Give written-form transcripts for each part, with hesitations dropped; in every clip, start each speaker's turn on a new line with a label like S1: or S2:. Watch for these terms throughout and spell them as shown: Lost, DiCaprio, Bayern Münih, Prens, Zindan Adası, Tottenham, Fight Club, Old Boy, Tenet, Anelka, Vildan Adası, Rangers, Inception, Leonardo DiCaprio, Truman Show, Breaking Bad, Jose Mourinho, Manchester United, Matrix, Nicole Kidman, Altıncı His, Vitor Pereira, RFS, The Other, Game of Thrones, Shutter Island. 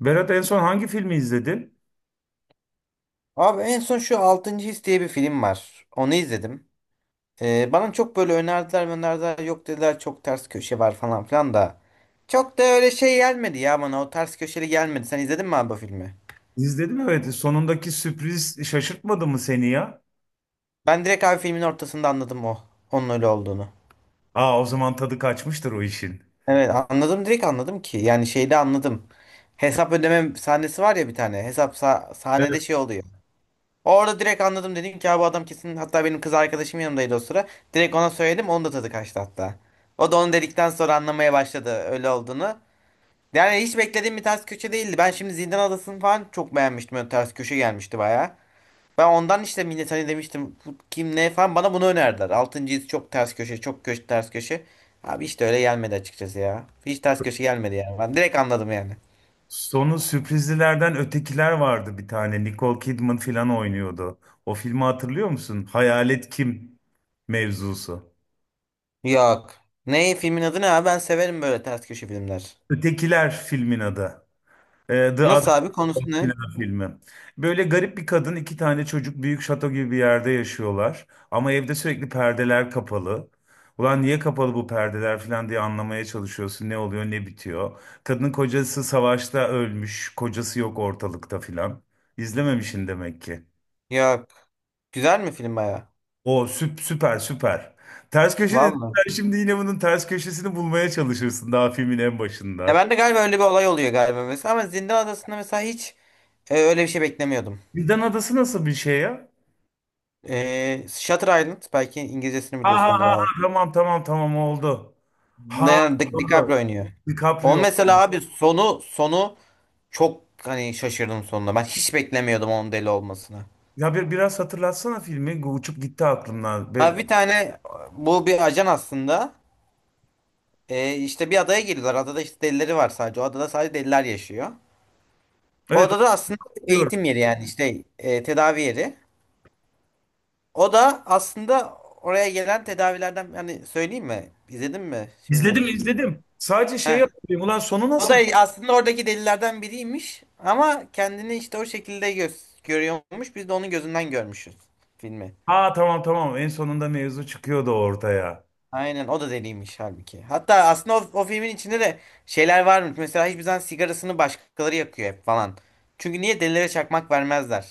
S1: Berat en son hangi filmi izledin?
S2: Abi en son şu Altıncı His diye bir film var. Onu izledim. Bana çok böyle önerdiler yok dediler çok ters köşe var falan filan da. Çok da öyle şey gelmedi ya bana, o ters köşeli gelmedi. Sen izledin mi abi bu filmi?
S1: İzledim evet. Sonundaki sürpriz şaşırtmadı mı seni ya?
S2: Ben direkt abi filmin ortasında anladım o. Onun öyle olduğunu.
S1: Aa, o zaman tadı kaçmıştır o işin.
S2: Evet anladım, direkt anladım ki. Yani şeyde anladım. Hesap ödeme sahnesi var ya bir tane. Sahnede
S1: Evet.
S2: şey oluyor. Orada direkt anladım, dedim ki abi adam kesin, hatta benim kız arkadaşım yanımdaydı o sıra. Direkt ona söyledim, onun da tadı kaçtı hatta. O da onu dedikten sonra anlamaya başladı öyle olduğunu. Yani hiç beklediğim bir ters köşe değildi. Ben şimdi Zindan Adası'nı falan çok beğenmiştim. Öyle ters köşe gelmişti baya. Ben ondan işte millet hani demiştim bu kim ne falan, bana bunu önerdiler. Altıncı his çok ters köşe, çok köşe ters köşe. Abi işte öyle gelmedi açıkçası ya. Hiç ters köşe gelmedi yani. Ben direkt anladım yani.
S1: Sonu sürprizlilerden ötekiler vardı bir tane. Nicole Kidman falan oynuyordu. O filmi hatırlıyor musun? Hayalet kim mevzusu.
S2: Yok. Ne filmin adı ne abi? Ben severim böyle ters köşe filmler.
S1: Ötekiler filmin adı. The
S2: Nasıl
S1: Other.
S2: abi, konusu ne?
S1: Sinema filmi. Böyle garip bir kadın, iki tane çocuk büyük şato gibi bir yerde yaşıyorlar. Ama evde sürekli perdeler kapalı. Ulan niye kapalı bu perdeler falan diye anlamaya çalışıyorsun. Ne oluyor, ne bitiyor. Kadının kocası savaşta ölmüş. Kocası yok ortalıkta filan. İzlememişsin demek ki.
S2: Yok. Güzel mi film baya?
S1: O süper süper. Ters köşe dedim.
S2: Vallahi.
S1: Sen şimdi yine bunun ters köşesini bulmaya çalışırsın daha filmin en
S2: Ya
S1: başında.
S2: ben de galiba öyle bir olay oluyor galiba mesela, ama Zindan Adası'nda mesela hiç öyle bir şey beklemiyordum.
S1: Vildan Adası nasıl bir şey ya?
S2: Shutter Island, belki İngilizcesini
S1: Ha ha
S2: biliyorsundur
S1: ha ha,
S2: abi.
S1: tamam tamam tamam oldu. Ha, doğru.
S2: DiCaprio oynuyor. O
S1: DiCaprio.
S2: mesela abi sonu çok hani şaşırdım sonunda. Ben hiç beklemiyordum onun deli olmasını.
S1: Ya biraz hatırlatsana filmi. Uçup gitti aklımdan.
S2: Abi bir tane, bu bir ajan aslında. İşte bir adaya giriyorlar. Adada işte delileri var sadece. O adada sadece deliler yaşıyor. O
S1: Evet,
S2: adada aslında
S1: hatırlıyorum.
S2: eğitim yeri, yani işte tedavi yeri. O da aslında oraya gelen tedavilerden, yani söyleyeyim mi? İzledin mi?
S1: İzledim,
S2: Şimdi
S1: izledim. Sadece şeyi
S2: heh.
S1: hatırlıyorum. Ulan sonu
S2: O da
S1: nasıl?
S2: aslında oradaki delilerden biriymiş ama kendini işte o şekilde göz görüyormuş. Biz de onun gözünden görmüşüz filmi.
S1: Aa, tamam tamam. En sonunda mevzu çıkıyordu ortaya.
S2: Aynen, o da deliymiş halbuki. Hatta aslında o filmin içinde de şeyler varmış. Mesela hiçbir zaman sigarasını başkaları yakıyor hep falan. Çünkü niye delilere çakmak vermezler?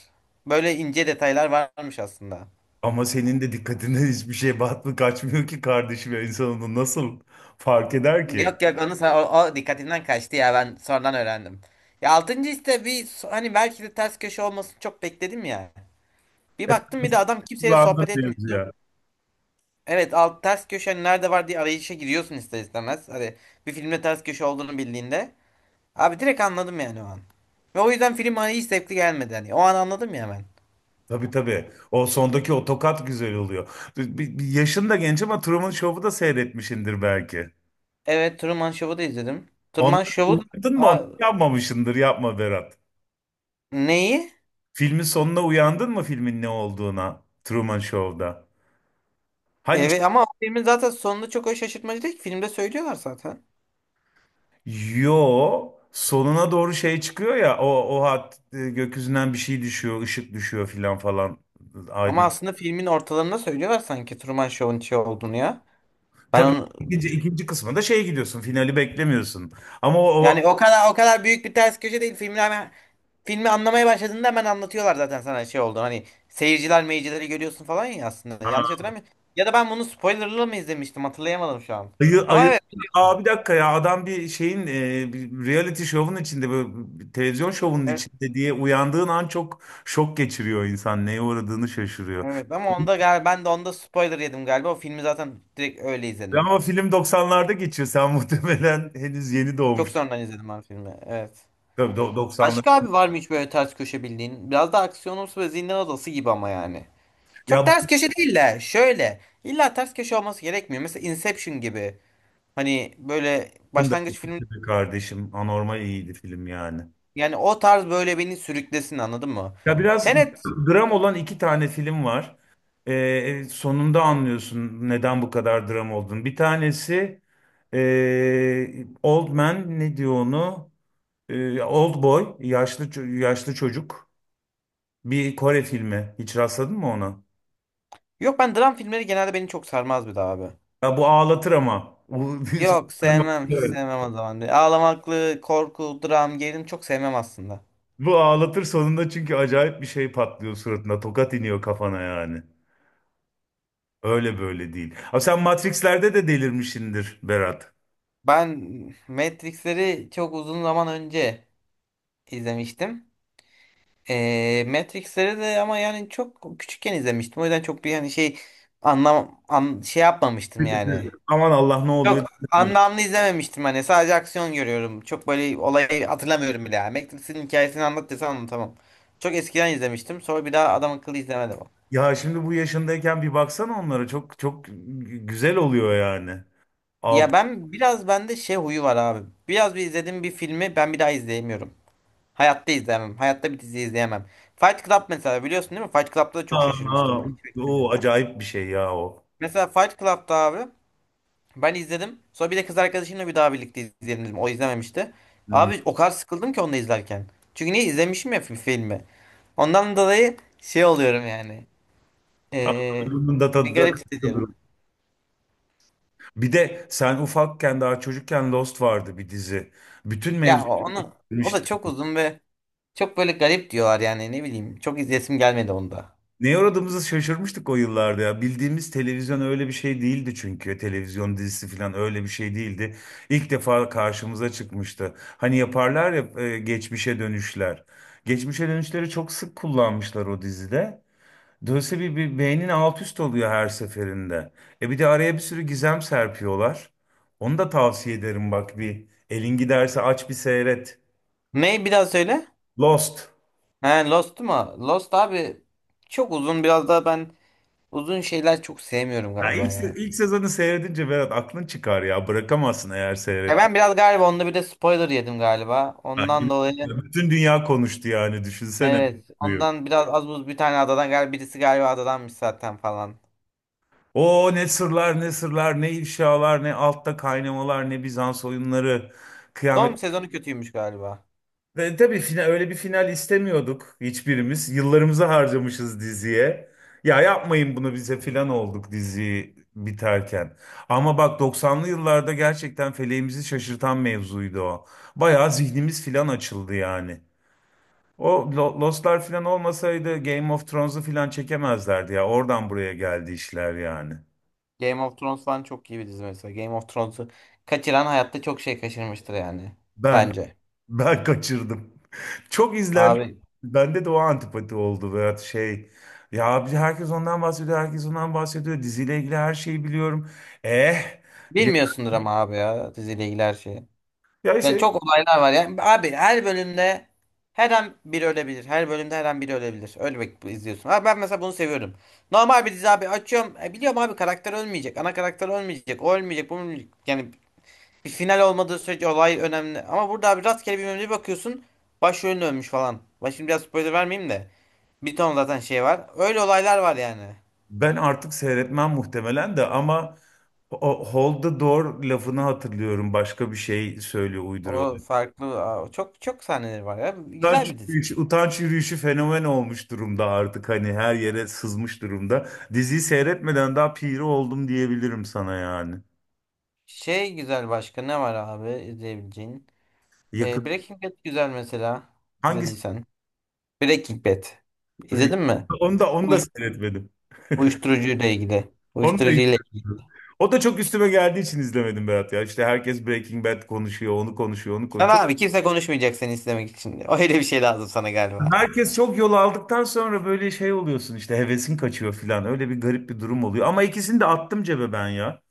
S2: Böyle ince detaylar varmış aslında.
S1: Ama senin de dikkatine hiçbir şey batmıyor, kaçmıyor ki kardeşim. En sonunda nasıl fark eder ki?
S2: Yok yok o dikkatinden kaçtı ya, ben sonradan öğrendim. Ya altıncı işte hani belki de ters köşe olmasını çok bekledim ya. Bir
S1: E,
S2: baktım bir de adam kimseyle
S1: Kullandın
S2: sohbet
S1: mevzu
S2: etmiyordu.
S1: ya.
S2: Evet alt ters köşe hani nerede var diye arayışa giriyorsun ister istemez. Hani bir filmde ters köşe olduğunu bildiğinde. Abi direkt anladım yani o an. Ve o yüzden film hani hiç zevkli gelmedi hani. O an anladım ya ben.
S1: Tabii tabii. O sondaki o tokat güzel oluyor. Bir yaşın da genç ama Truman Show'u da seyretmişindir belki.
S2: Evet, Truman Show'u da izledim.
S1: Onu
S2: Truman Show'u.
S1: unuttun mu onu?
S2: Aa,
S1: Yapmamışındır. Yapma Berat.
S2: neyi?
S1: Filmin sonuna uyandın mı filmin ne olduğuna Truman Show'da? Hani ç-
S2: Evet ama o filmin zaten sonunda çok o şaşırtmacı değil ki. Filmde söylüyorlar zaten.
S1: yo, sonuna doğru şey çıkıyor ya, o gökyüzünden bir şey düşüyor, ışık düşüyor filan falan,
S2: Ama
S1: aydın.
S2: aslında filmin ortalarında söylüyorlar sanki Truman Show'un şey olduğunu ya. Ben
S1: Tabii
S2: onu,
S1: ikinci kısmında şey gidiyorsun, finali beklemiyorsun. Ama o, o
S2: yani o kadar büyük bir ters köşe değil, filmi hemen, filmi anlamaya başladığında hemen anlatıyorlar zaten sana şey oldu. Hani seyirciler meyircileri görüyorsun falan ya aslında. Yanlış hatırlamıyorum. Ya da ben bunu spoilerlı mı izlemiştim, hatırlayamadım şu an.
S1: ayı
S2: Ama
S1: ayı
S2: evet.
S1: Aa, bir dakika ya, adam bir reality şovun içinde, böyle bir televizyon şovunun
S2: Evet,
S1: içinde diye uyandığın an çok şok geçiriyor, insan neye uğradığını şaşırıyor.
S2: evet. Ama onda galiba, ben de onda spoiler yedim galiba. O filmi zaten direkt öyle
S1: Ya
S2: izledim.
S1: ama film 90'larda geçiyor. Sen muhtemelen henüz yeni
S2: Çok
S1: doğmuştun.
S2: sonradan izledim ben filmi. Evet.
S1: Tabii, 90'lar.
S2: Başka abi var mı hiç böyle ters köşe bildiğin? Biraz da aksiyonumsu ve zindan odası gibi ama yani.
S1: Ya
S2: Çok ters
S1: bu
S2: köşe değil de şöyle. İlla ters köşe olması gerekmiyor. Mesela Inception gibi. Hani böyle
S1: film de
S2: başlangıç filmi,
S1: kötüydü kardeşim. Anormal iyiydi film yani.
S2: yani o tarz böyle beni sürüklesin, anladın mı?
S1: Ya biraz
S2: Tenet.
S1: dram olan iki tane film var. Sonunda anlıyorsun neden bu kadar dram olduğunu. Bir tanesi Old Man ne diyor onu? Old Boy, yaşlı çocuk. Bir Kore filmi. Hiç rastladın mı ona?
S2: Yok, ben dram filmleri genelde beni çok sarmaz bir daha abi.
S1: Ya bu ağlatır ama.
S2: Yok sevmem. Hiç sevmem o zaman. Ağlamaklı, korku, dram, gerilim çok sevmem aslında.
S1: Bu ağlatır sonunda, çünkü acayip bir şey patlıyor suratına. Tokat iniyor kafana yani. Öyle böyle değil. Abi sen Matrix'lerde de delirmişsindir Berat.
S2: Ben Matrix'leri çok uzun zaman önce izlemiştim. Matrix'leri de ama yani çok küçükken izlemiştim. O yüzden çok bir hani şey şey yapmamıştım yani.
S1: Aman Allah, ne
S2: Çok
S1: oluyor?
S2: anlamlı izlememiştim, hani sadece aksiyon görüyorum. Çok böyle olayı hatırlamıyorum bile yani. Matrix'in hikayesini anlat desen anlatamam. Çok eskiden izlemiştim. Sonra bir daha adam akıllı izlemedim.
S1: Ya şimdi bu yaşındayken bir baksana onlara, çok çok güzel oluyor yani.
S2: Ya
S1: Altın
S2: ben biraz bende şey huyu var abi. Biraz bir izlediğim bir filmi ben bir daha izleyemiyorum. Hayatta izleyemem. Hayatta bir dizi izleyemem. Fight Club mesela biliyorsun değil mi? Fight Club'da da çok şaşırmıştım
S1: Aa,
S2: ben.
S1: o acayip bir şey ya o.
S2: Mesela Fight Club'da abi, ben izledim. Sonra bir de kız arkadaşımla bir daha birlikte izleyelim dedim. O izlememişti.
S1: Hmm.
S2: Abi o kadar sıkıldım ki onu da izlerken. Çünkü niye izlemişim ya filmi. Ondan dolayı şey oluyorum yani.
S1: Ama
S2: Ee,
S1: bunun da
S2: Bir
S1: tadı da
S2: garip hissediyorum.
S1: kaçırılır. Bir de sen ufakken, daha çocukken Lost vardı bir dizi. Bütün
S2: Ya
S1: mevzu
S2: onu o da çok uzun ve çok böyle garip diyorlar yani ne bileyim. Çok izlesim gelmedi onda.
S1: Neye uğradığımızı şaşırmıştık o yıllarda ya. Bildiğimiz televizyon öyle bir şey değildi çünkü. Televizyon dizisi falan öyle bir şey değildi. İlk defa karşımıza çıkmıştı. Hani yaparlar ya, geçmişe dönüşler. Geçmişe dönüşleri çok sık kullanmışlar o dizide. Dolayısıyla bir beynin alt üst oluyor her seferinde. E bir de araya bir sürü gizem serpiyorlar. Onu da tavsiye ederim, bak bir. Elin giderse aç, bir seyret.
S2: Ne bir daha söyle.
S1: Lost.
S2: He Lost mu? Lost abi çok uzun, biraz daha ben uzun şeyler çok sevmiyorum
S1: Ya
S2: galiba ya.
S1: ilk sezonu seyredince Berat, aklın çıkar ya. Bırakamazsın eğer
S2: Ya ben
S1: seyretmediysen.
S2: biraz galiba onda bir de spoiler yedim galiba. Ondan
S1: Yani,
S2: dolayı
S1: bütün dünya konuştu yani, düşünsene.
S2: evet. Ondan biraz az buz bir tane adadan galiba birisi galiba adadanmış zaten falan.
S1: O ne sırlar, ne sırlar, ne ifşalar, ne altta kaynamalar, ne Bizans oyunları, kıyamet.
S2: Son sezonu kötüymüş galiba.
S1: Ve tabii öyle bir final istemiyorduk hiçbirimiz. Yıllarımızı harcamışız diziye. Ya yapmayın bunu bize filan olduk diziyi biterken. Ama bak 90'lı yıllarda gerçekten feleğimizi şaşırtan mevzuydu o. Bayağı zihnimiz filan açıldı yani. Lost'lar falan olmasaydı Game of Thrones'u falan çekemezlerdi ya. Oradan buraya geldi işler yani.
S2: Game of Thrones falan çok iyi bir dizi mesela. Game of Thrones'u kaçıran hayatta çok şey kaçırmıştır yani.
S1: Ben
S2: Bence.
S1: ben kaçırdım. Çok izlendi.
S2: Abi
S1: Bende de o antipati oldu veya şey. Ya abi herkes ondan bahsediyor, herkes ondan bahsediyor. Diziyle ilgili her şeyi biliyorum. Eh. ye-
S2: bilmiyorsundur ama abi ya diziyle ilgili her şeyi.
S1: Ya
S2: Yani
S1: işte
S2: çok olaylar var yani. Abi her bölümde her an biri ölebilir. Her bölümde her an biri ölebilir. Öyle ölmek izliyorsun. Abi ben mesela bunu seviyorum. Normal bir dizi abi açıyorum. Biliyorum abi karakter ölmeyecek. Ana karakter ölmeyecek. O ölmeyecek. Bu ölmeyecek. Yani bir final olmadığı sürece olay önemli. Ama burada abi rastgele bir mevzuya bakıyorsun. Başrolün ölmüş falan. Ben şimdi biraz spoiler vermeyeyim de. Bir ton zaten şey var. Öyle olaylar var yani.
S1: ben artık seyretmem muhtemelen de, ama o hold the door lafını hatırlıyorum. Başka bir şey söylüyor, uyduruyor.
S2: O farklı, aa, çok sahneleri var ya. Güzel
S1: Utanç
S2: bir dizi.
S1: yürüyüşü, utanç yürüyüşü fenomen olmuş durumda artık, hani her yere sızmış durumda. Diziyi seyretmeden daha piri oldum diyebilirim sana yani.
S2: Şey güzel, başka ne var abi izleyebileceğin?
S1: Yakın
S2: Breaking Bad güzel mesela.
S1: hangisi?
S2: İzlediysen. Breaking Bad.
S1: Break-
S2: İzledin mi?
S1: Onu da, onu da
S2: Uyuş
S1: seyretmedim.
S2: Uyuşturucuyla ilgili.
S1: Onu da
S2: Uyuşturucuyla ilgili.
S1: izlemedim. O da çok üstüme geldiği için izlemedim Berat ya. İşte herkes Breaking Bad konuşuyor, onu konuşuyor, onu konuşuyor.
S2: Sana abi kimse konuşmayacak seni izlemek için. Öyle bir şey lazım sana galiba.
S1: Herkes çok yol aldıktan sonra böyle şey oluyorsun işte, hevesin kaçıyor filan. Öyle bir garip bir durum oluyor. Ama ikisini de attım cebe ben ya.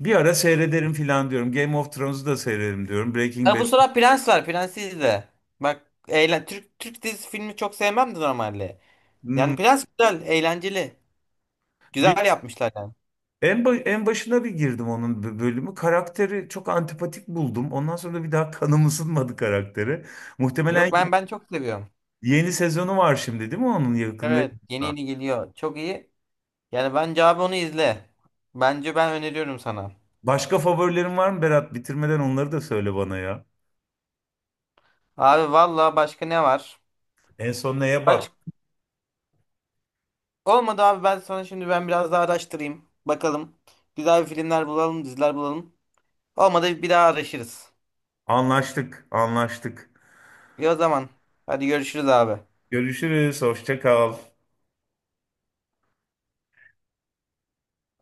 S1: Bir ara seyrederim filan diyorum. Game of Thrones'u da seyrederim diyorum. Breaking
S2: Ha, bu
S1: Bad'i
S2: sıra Prens var. Prens'i izle. Bak eğlen, Türk dizisi filmi çok sevmem de normalde.
S1: Hmm,
S2: Yani Prens güzel, eğlenceli.
S1: bir
S2: Güzel yapmışlar yani.
S1: en başına bir girdim onun bölümü. Karakteri çok antipatik buldum. Ondan sonra da bir daha kanım ısınmadı karaktere. Muhtemelen
S2: Yok ben çok seviyorum.
S1: yeni sezonu var şimdi değil mi onun yakında?
S2: Evet, yeni geliyor. Çok iyi. Yani bence abi onu izle. Bence ben öneriyorum sana.
S1: Başka favorilerin var mı Berat? Bitirmeden onları da söyle bana ya.
S2: Abi valla başka ne var?
S1: En son neye bak?
S2: Baş... Olmadı abi, ben sana şimdi biraz daha araştırayım. Bakalım. Güzel bir filmler bulalım, diziler bulalım. Olmadı bir daha araşırız.
S1: Anlaştık, anlaştık.
S2: İyi o zaman. Hadi görüşürüz abi.
S1: Görüşürüz, hoşça kal.